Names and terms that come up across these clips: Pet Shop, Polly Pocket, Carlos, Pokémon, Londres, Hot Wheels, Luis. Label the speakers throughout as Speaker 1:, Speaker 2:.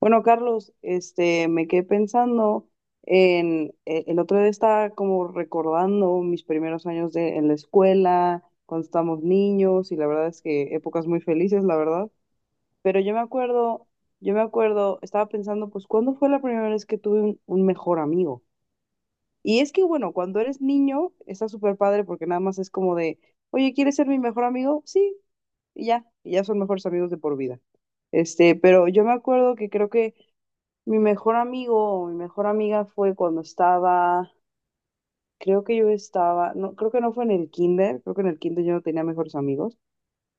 Speaker 1: Bueno, Carlos, me quedé pensando el otro día estaba como recordando mis primeros años en la escuela, cuando estábamos niños, y la verdad es que épocas muy felices, la verdad. Pero yo me acuerdo, estaba pensando, pues, ¿cuándo fue la primera vez que tuve un mejor amigo? Y es que, bueno, cuando eres niño, está súper padre porque nada más es como de, oye, ¿quieres ser mi mejor amigo? Sí, y ya son mejores amigos de por vida. Pero yo me acuerdo que creo que mi mejor amigo o mi mejor amiga fue cuando estaba, creo que yo estaba, no, creo que no fue en el kinder, creo que en el kinder yo no tenía mejores amigos.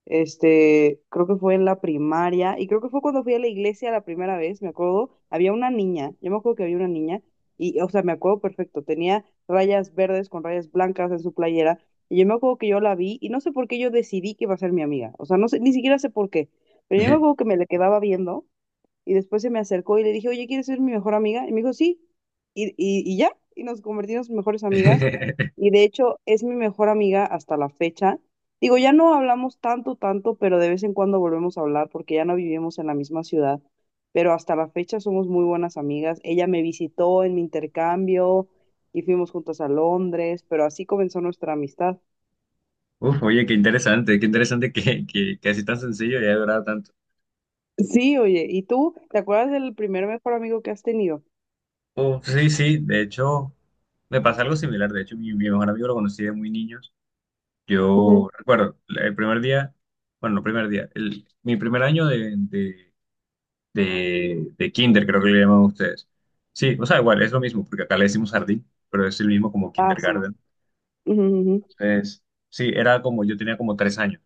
Speaker 1: Creo que fue en la primaria y creo que fue cuando fui a la iglesia la primera vez, me acuerdo, había una niña, yo me acuerdo que había una niña y, o sea, me acuerdo perfecto, tenía rayas verdes con rayas blancas en su playera y yo me acuerdo que yo la vi y no sé por qué yo decidí que iba a ser mi amiga, o sea, no sé, ni siquiera sé por qué, pero yo me acuerdo que me le quedaba viendo. Y después se me acercó y le dije, oye, ¿quieres ser mi mejor amiga? Y me dijo, sí. Y ya, y nos convertimos en mejores amigas. Y de hecho es mi mejor amiga hasta la fecha. Digo, ya no hablamos tanto, tanto, pero de vez en cuando volvemos a hablar porque ya no vivimos en la misma ciudad. Pero hasta la fecha somos muy buenas amigas. Ella me visitó en mi intercambio y fuimos juntas a Londres, pero así comenzó nuestra amistad.
Speaker 2: Uf, oye, qué interesante que así tan sencillo y haya durado tanto.
Speaker 1: Sí, oye, ¿y tú te acuerdas del primer mejor amigo que has tenido?
Speaker 2: Uf, sí, sí, de hecho, me pasa algo similar. De hecho, mi mejor amigo lo conocí de muy niños.
Speaker 1: Ujú.
Speaker 2: Yo recuerdo el primer día, bueno, no primer día, el, mi primer año de kinder, creo que le llaman ustedes. Sí, o sea, igual, es lo mismo, porque acá le decimos jardín, pero es el mismo como
Speaker 1: Ah, sí.
Speaker 2: kindergarten.
Speaker 1: Ujú, ujú,
Speaker 2: Entonces, sí, era como, yo tenía como tres años,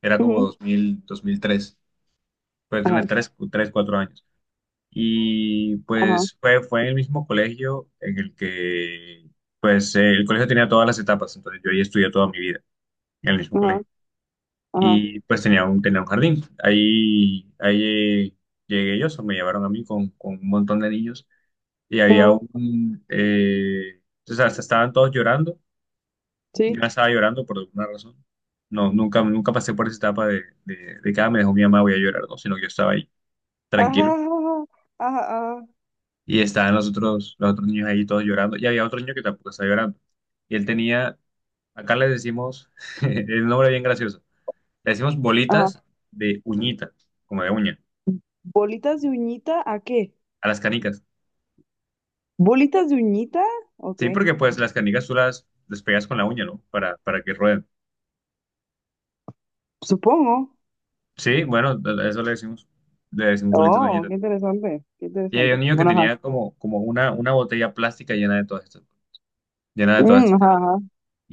Speaker 2: era como
Speaker 1: ujú.
Speaker 2: 2000, 2003, puede tener
Speaker 1: Ajá.
Speaker 2: tres, tres, cuatro años. Y
Speaker 1: Ajá,
Speaker 2: pues fue en el mismo colegio en el que, pues el colegio tenía todas las etapas, entonces yo ahí estudié toda mi vida en el mismo
Speaker 1: ajá,
Speaker 2: colegio.
Speaker 1: ajá,
Speaker 2: Y pues tenía un jardín. Ahí, ahí eh, llegué yo, o sea, me llevaron a mí con un montón de niños y había
Speaker 1: ajá,
Speaker 2: un, o sea, estaban todos llorando, yo
Speaker 1: sí.
Speaker 2: no estaba llorando por alguna razón. No, nunca, nunca pasé por esa etapa de que "Ah, me dejó mi mamá, voy a llorar, no", sino que yo estaba ahí
Speaker 1: Ajá,
Speaker 2: tranquilo.
Speaker 1: ajá, ajá, ajá.
Speaker 2: Y estaban los otros niños ahí todos llorando, y había otro niño que tampoco estaba llorando. Y él tenía, acá le decimos, el nombre bien gracioso, le decimos bolitas de uñita, como de uña,
Speaker 1: ¿Bolitas de uñita a qué?
Speaker 2: a las canicas.
Speaker 1: ¿Bolitas de uñita? Ok,
Speaker 2: Sí, porque pues las canicas tú las, despegas con la uña, ¿no? Para que rueden.
Speaker 1: supongo.
Speaker 2: Sí, bueno, a eso le decimos bolitas de
Speaker 1: Oh,
Speaker 2: uñita.
Speaker 1: qué interesante, qué
Speaker 2: Y había un
Speaker 1: interesante.
Speaker 2: niño que
Speaker 1: Bueno, ajá.
Speaker 2: tenía como, como una botella plástica llena de todas estas, llena de todas
Speaker 1: Mm,
Speaker 2: estas
Speaker 1: ajá,
Speaker 2: canicas.
Speaker 1: ajá.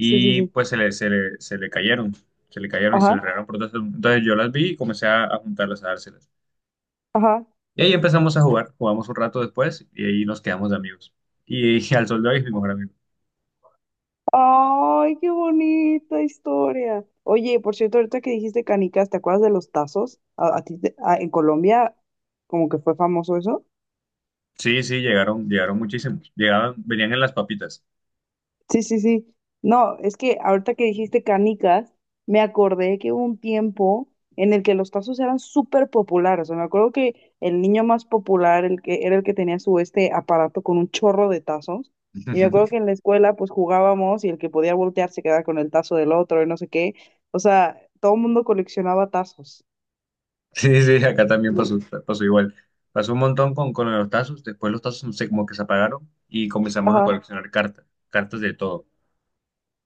Speaker 1: Sí, sí, sí.
Speaker 2: pues se le cayeron, se le cayeron y se
Speaker 1: Ajá,
Speaker 2: le regaron por todas- Entonces yo las vi y comencé a juntarlas, a dárselas.
Speaker 1: ajá.
Speaker 2: Y ahí empezamos a jugar, jugamos un rato después y ahí nos quedamos de amigos. Y, al sol de hoy es mi mejor amigo.
Speaker 1: Ay, qué bonita historia. Oye, por cierto, ahorita que dijiste canicas, ¿te acuerdas de los tazos? A ti te- a- En Colombia como que fue famoso eso?
Speaker 2: Sí, sí, llegaron, llegaron muchísimos. Llegaban, venían en las papitas.
Speaker 1: Sí, sí, sí. No, es que ahorita que dijiste canicas, me acordé que hubo un tiempo en el que los tazos eran súper populares. O sea, me acuerdo que el niño más popular el que, era el que tenía su este aparato con un chorro de tazos. Y me acuerdo que en la escuela pues jugábamos y el que podía voltear se quedaba con el tazo del otro y no sé qué. O sea, todo el mundo coleccionaba tazos.
Speaker 2: Sí, sí, acá también pasó, pasó igual. Pasó un montón con los tazos, después los tazos no sé, como que se apagaron y comenzamos a
Speaker 1: Ajá.
Speaker 2: coleccionar cartas, cartas de todo.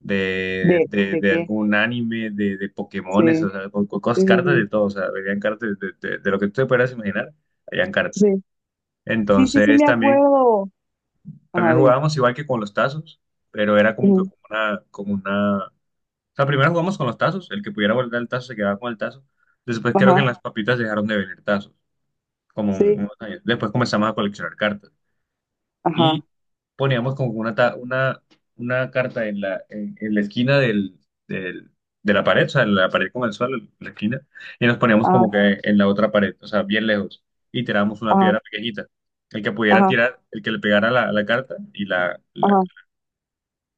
Speaker 2: de,
Speaker 1: ¿De,
Speaker 2: de,
Speaker 1: de
Speaker 2: de
Speaker 1: qué?
Speaker 2: algún anime, de Pokémones,
Speaker 1: Sí,
Speaker 2: o sea, con co-
Speaker 1: sí,
Speaker 2: cosas,
Speaker 1: sí,
Speaker 2: cartas
Speaker 1: sí.
Speaker 2: de todo, o sea, habían cartas de lo que tú te puedas imaginar, habían cartas.
Speaker 1: Sí, sí, sí, sí,
Speaker 2: Entonces
Speaker 1: me
Speaker 2: también,
Speaker 1: acuerdo. Ajá,
Speaker 2: también
Speaker 1: dime.
Speaker 2: jugábamos igual que con los tazos, pero era como que
Speaker 1: Ujú.
Speaker 2: como una, o sea, primero jugamos con los tazos, el que pudiera volver el tazo se quedaba con el tazo, después creo que
Speaker 1: Ajá,
Speaker 2: en las papitas dejaron de venir tazos, como un-
Speaker 1: sí,
Speaker 2: unos años, después comenzamos a coleccionar cartas. Y
Speaker 1: ajá.
Speaker 2: poníamos como una, ta- una carta en la esquina del, del- de la pared, o sea, en la pared con el suelo, en la esquina, y nos poníamos
Speaker 1: Ah,
Speaker 2: como que en la otra pared, o sea, bien lejos, y tirábamos una
Speaker 1: ajá,
Speaker 2: piedra pequeñita. El que pudiera
Speaker 1: ajá,
Speaker 2: tirar, el que le pegara la, la carta y la-
Speaker 1: ajá,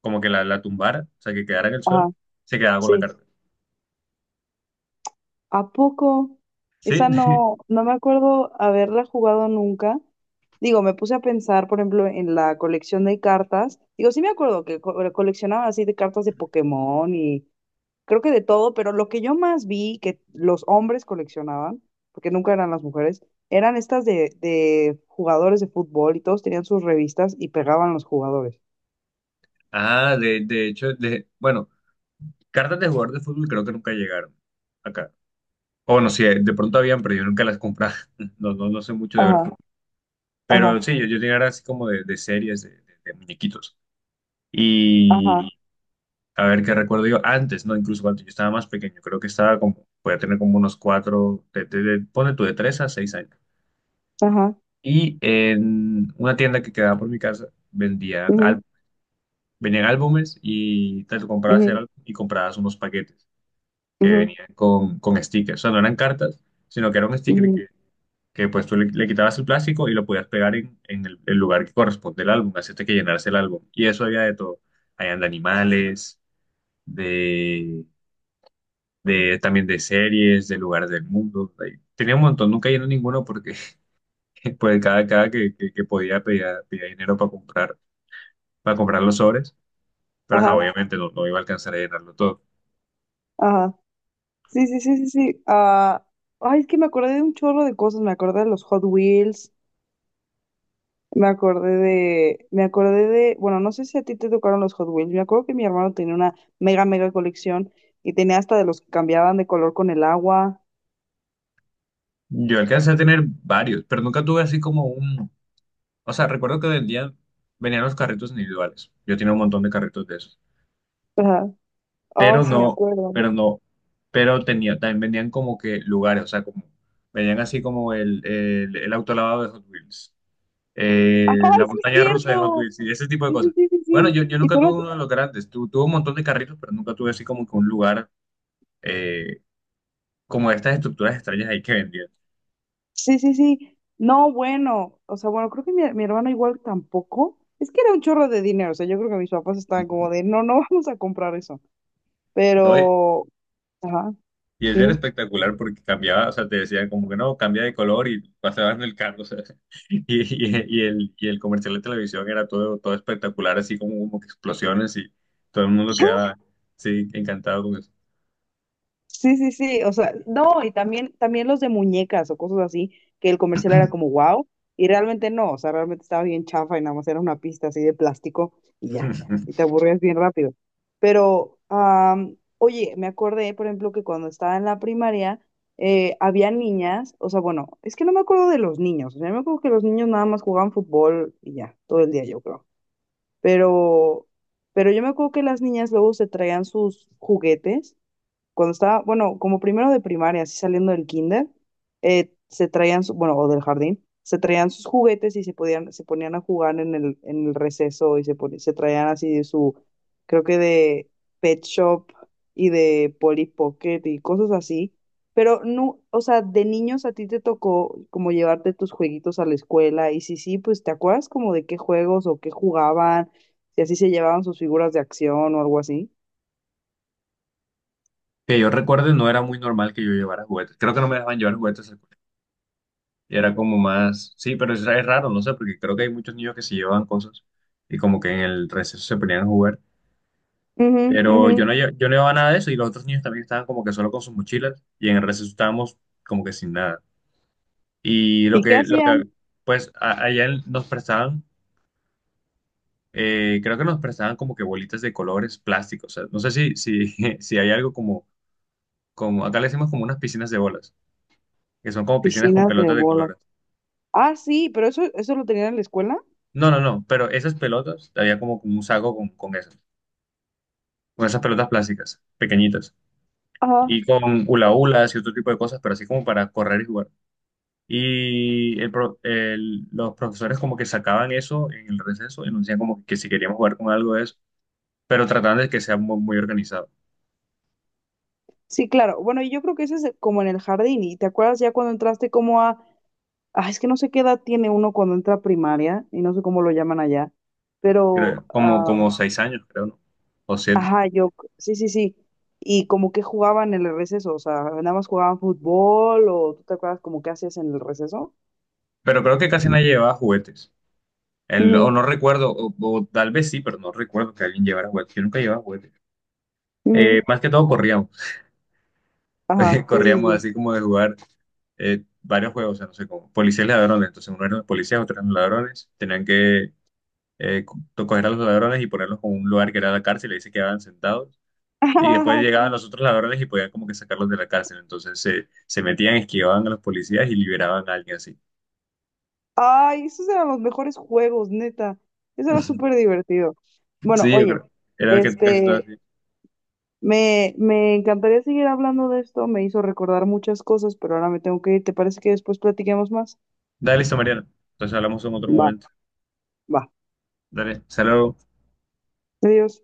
Speaker 2: como que la tumbara, o sea, que quedara en el suelo,
Speaker 1: ajá,
Speaker 2: se quedaba con la
Speaker 1: sí.
Speaker 2: carta.
Speaker 1: ¿A poco?
Speaker 2: ¿Sí?
Speaker 1: Esa no, no me acuerdo haberla jugado nunca. Digo, me puse a pensar, por ejemplo, en la colección de cartas. Digo, sí me acuerdo que coleccionaban así de cartas de Pokémon y creo que de todo, pero lo que yo más vi que los hombres coleccionaban, porque nunca eran las mujeres, eran estas de jugadores de fútbol y todos tenían sus revistas y pegaban los jugadores.
Speaker 2: Ah, de hecho, de, bueno, cartas de jugador de fútbol creo que nunca llegaron acá. O bueno, sí, de pronto habían, pero yo nunca las compraba. No, no, no sé mucho de ver.
Speaker 1: Ajá,
Speaker 2: Pero
Speaker 1: ajá,
Speaker 2: sí, yo tenía era así como de series, de muñequitos. Y
Speaker 1: ajá,
Speaker 2: a ver qué recuerdo yo antes, ¿no? Incluso cuando yo estaba más pequeño, creo que estaba como, podía tener como unos cuatro, ponle tú de tres a 6 años.
Speaker 1: ajá.
Speaker 2: Y en una tienda que quedaba por mi casa vendían,
Speaker 1: Ujú,
Speaker 2: al- venían álbumes y te lo comprabas el
Speaker 1: ujú,
Speaker 2: álbum y comprabas unos paquetes que
Speaker 1: ujú,
Speaker 2: venían con stickers. O sea, no eran cartas, sino que era un sticker
Speaker 1: ujú,
Speaker 2: que pues tú le, le quitabas el plástico y lo podías pegar en el lugar que corresponde al álbum, hacerte que llenarse el álbum. Y eso había de todo. Habían de animales, de, de también de series, de lugares del mundo. Ahí tenía un montón, nunca llené ninguno porque pues cada, cada que podía pedía, pedía dinero para comprar los sobres, pero ajá,
Speaker 1: ajá,
Speaker 2: obviamente no, no iba a alcanzar a llenarlo todo.
Speaker 1: ajá. Sí, sí, sí, sí, sí. Ah, ay, es que me acordé de un chorro de cosas. Me acordé de los Hot Wheels. Me acordé de. Me acordé de. Bueno, no sé si a ti te tocaron los Hot Wheels. Me acuerdo que mi hermano tenía una mega, mega colección y tenía hasta de los que cambiaban de color con el agua.
Speaker 2: Yo alcancé a tener varios, pero nunca tuve así como un... O sea, recuerdo que vendían, venían los carritos individuales. Yo tenía un montón de carritos de esos,
Speaker 1: Ajá. Ay,
Speaker 2: pero
Speaker 1: sí, me
Speaker 2: no,
Speaker 1: acuerdo.
Speaker 2: pero no, pero tenía, también vendían como que lugares, o sea, como, vendían así como el auto lavado de Hot Wheels, la
Speaker 1: Ay, sí, es
Speaker 2: montaña rusa de Hot
Speaker 1: cierto.
Speaker 2: Wheels y ese tipo de
Speaker 1: Sí, sí,
Speaker 2: cosas.
Speaker 1: sí, sí,
Speaker 2: Bueno,
Speaker 1: sí.
Speaker 2: yo
Speaker 1: Y
Speaker 2: nunca
Speaker 1: tú lo
Speaker 2: tuve uno de los grandes, tu, tuve un montón de carritos, pero nunca tuve así como que un lugar, eh, como estas estructuras extrañas ahí que vendían.
Speaker 1: Sí, sí, sí. No, bueno, o sea, bueno, creo que mi hermano igual tampoco. Es que era un chorro de dinero, o sea, yo creo que mis papás estaban como de, no, no vamos a comprar eso.
Speaker 2: ¿No?
Speaker 1: Pero, ajá,
Speaker 2: Y ese era
Speaker 1: dime.
Speaker 2: espectacular porque cambiaba, o sea, te decían como que no, cambia de color y pasaban el carro, o sea, y el, y el comercial de televisión era todo, todo espectacular, así como, como que explosiones y todo el mundo quedaba, sí, encantado con eso.
Speaker 1: Sí, sí, sí, o sea, no, y también, también los de muñecas o cosas así, que el comercial era como wow, y realmente no, o sea, realmente estaba bien chafa y nada más era una pista así de plástico y ya, y te aburrías bien rápido. Pero, oye, me acordé, por ejemplo, que cuando estaba en la primaria, había niñas, o sea, bueno, es que no me acuerdo de los niños, o sea, me acuerdo que los niños nada más jugaban fútbol y ya, todo el día yo creo, pero, pero yo me acuerdo que las niñas luego se traían sus juguetes cuando estaba, bueno, como primero de primaria, así saliendo del kinder, bueno, o del jardín, se traían sus juguetes y se podían, se ponían a jugar en el receso y se traían así de su, creo que de Pet Shop y de Polly Pocket y cosas así. Pero no, o sea, de niños a ti te tocó como llevarte tus jueguitos a la escuela y sí sí, pues ¿te acuerdas como de qué juegos o qué jugaban? Si así se llevaban sus figuras de acción o algo así.
Speaker 2: Que yo recuerde, no era muy normal que yo llevara juguetes. Creo que no me dejaban llevar juguetes al colegio. Y era como más, sí, pero es raro, no sé, porque creo que hay muchos niños que se llevan cosas y como que en el receso se ponían a jugar.
Speaker 1: Ujú,
Speaker 2: Pero
Speaker 1: ujú.
Speaker 2: yo no, lle- yo no llevaba nada de eso y los otros niños también estaban como que solo con sus mochilas y en el receso estábamos como que sin nada. Y lo
Speaker 1: ¿Y qué
Speaker 2: que, lo
Speaker 1: hacían?
Speaker 2: que pues a- allá en- nos prestaban, creo que nos prestaban como que bolitas de colores plásticos. O sea, no sé si hay algo como, como, acá le decimos como unas piscinas de bolas, que son como piscinas con
Speaker 1: Piscinas de
Speaker 2: pelotas de
Speaker 1: bola.
Speaker 2: colores.
Speaker 1: Ah, sí, pero eso lo tenían en la escuela.
Speaker 2: No, no, no, pero esas pelotas, había como un saco con esas pelotas plásticas, pequeñitas.
Speaker 1: Ajá.
Speaker 2: Y con hula hulas y otro tipo de cosas, pero así como para correr y jugar. Y el pro- el- los profesores como que sacaban eso en el receso y nos decían como que si queríamos jugar con algo de eso, pero trataban de que sea muy, muy organizado.
Speaker 1: Sí, claro. Bueno, y yo creo que ese es como en el jardín. ¿Y te acuerdas ya cuando entraste como a... Ah, es que no sé qué edad tiene uno cuando entra a primaria y no sé cómo lo llaman allá. Pero,
Speaker 2: Creo, como,
Speaker 1: ah,
Speaker 2: como 6 años, creo, ¿no? O siete.
Speaker 1: ajá, yo, sí, sí, sí. Y como que jugaban en el receso, o sea, nada más jugaban fútbol o tú te acuerdas como qué hacías en el receso.
Speaker 2: Pero creo que casi nadie llevaba juguetes. El- o
Speaker 1: Ujú,
Speaker 2: no recuerdo, o tal vez sí, pero no recuerdo que alguien llevara juguetes. Yo nunca llevaba juguetes.
Speaker 1: ujú.
Speaker 2: Más que todo corríamos.
Speaker 1: Ajá, sí, sí,
Speaker 2: Corríamos
Speaker 1: sí.
Speaker 2: así como de jugar varios juegos, o sea, no sé, como policías y ladrones. Entonces uno era policías, otro eran ladrones. Tenían que eh, co- coger a los ladrones y ponerlos en un lugar que era la cárcel, y ahí se quedaban sentados. Y después llegaban los otros ladrones y podían como que sacarlos de la cárcel. Entonces se metían, esquivaban a los policías y liberaban a alguien así.
Speaker 1: Ay, esos eran los mejores juegos, neta. Eso era súper divertido. Bueno,
Speaker 2: Sí, yo
Speaker 1: oye,
Speaker 2: creo. Era que casi todo
Speaker 1: este,
Speaker 2: así.
Speaker 1: me encantaría seguir hablando de esto. Me hizo recordar muchas cosas, pero ahora me tengo que ir. ¿Te parece que después platiquemos más?
Speaker 2: Dale, listo, Mariana. Entonces hablamos en otro
Speaker 1: Va,
Speaker 2: momento.
Speaker 1: va.
Speaker 2: Dale, saludos.
Speaker 1: Adiós.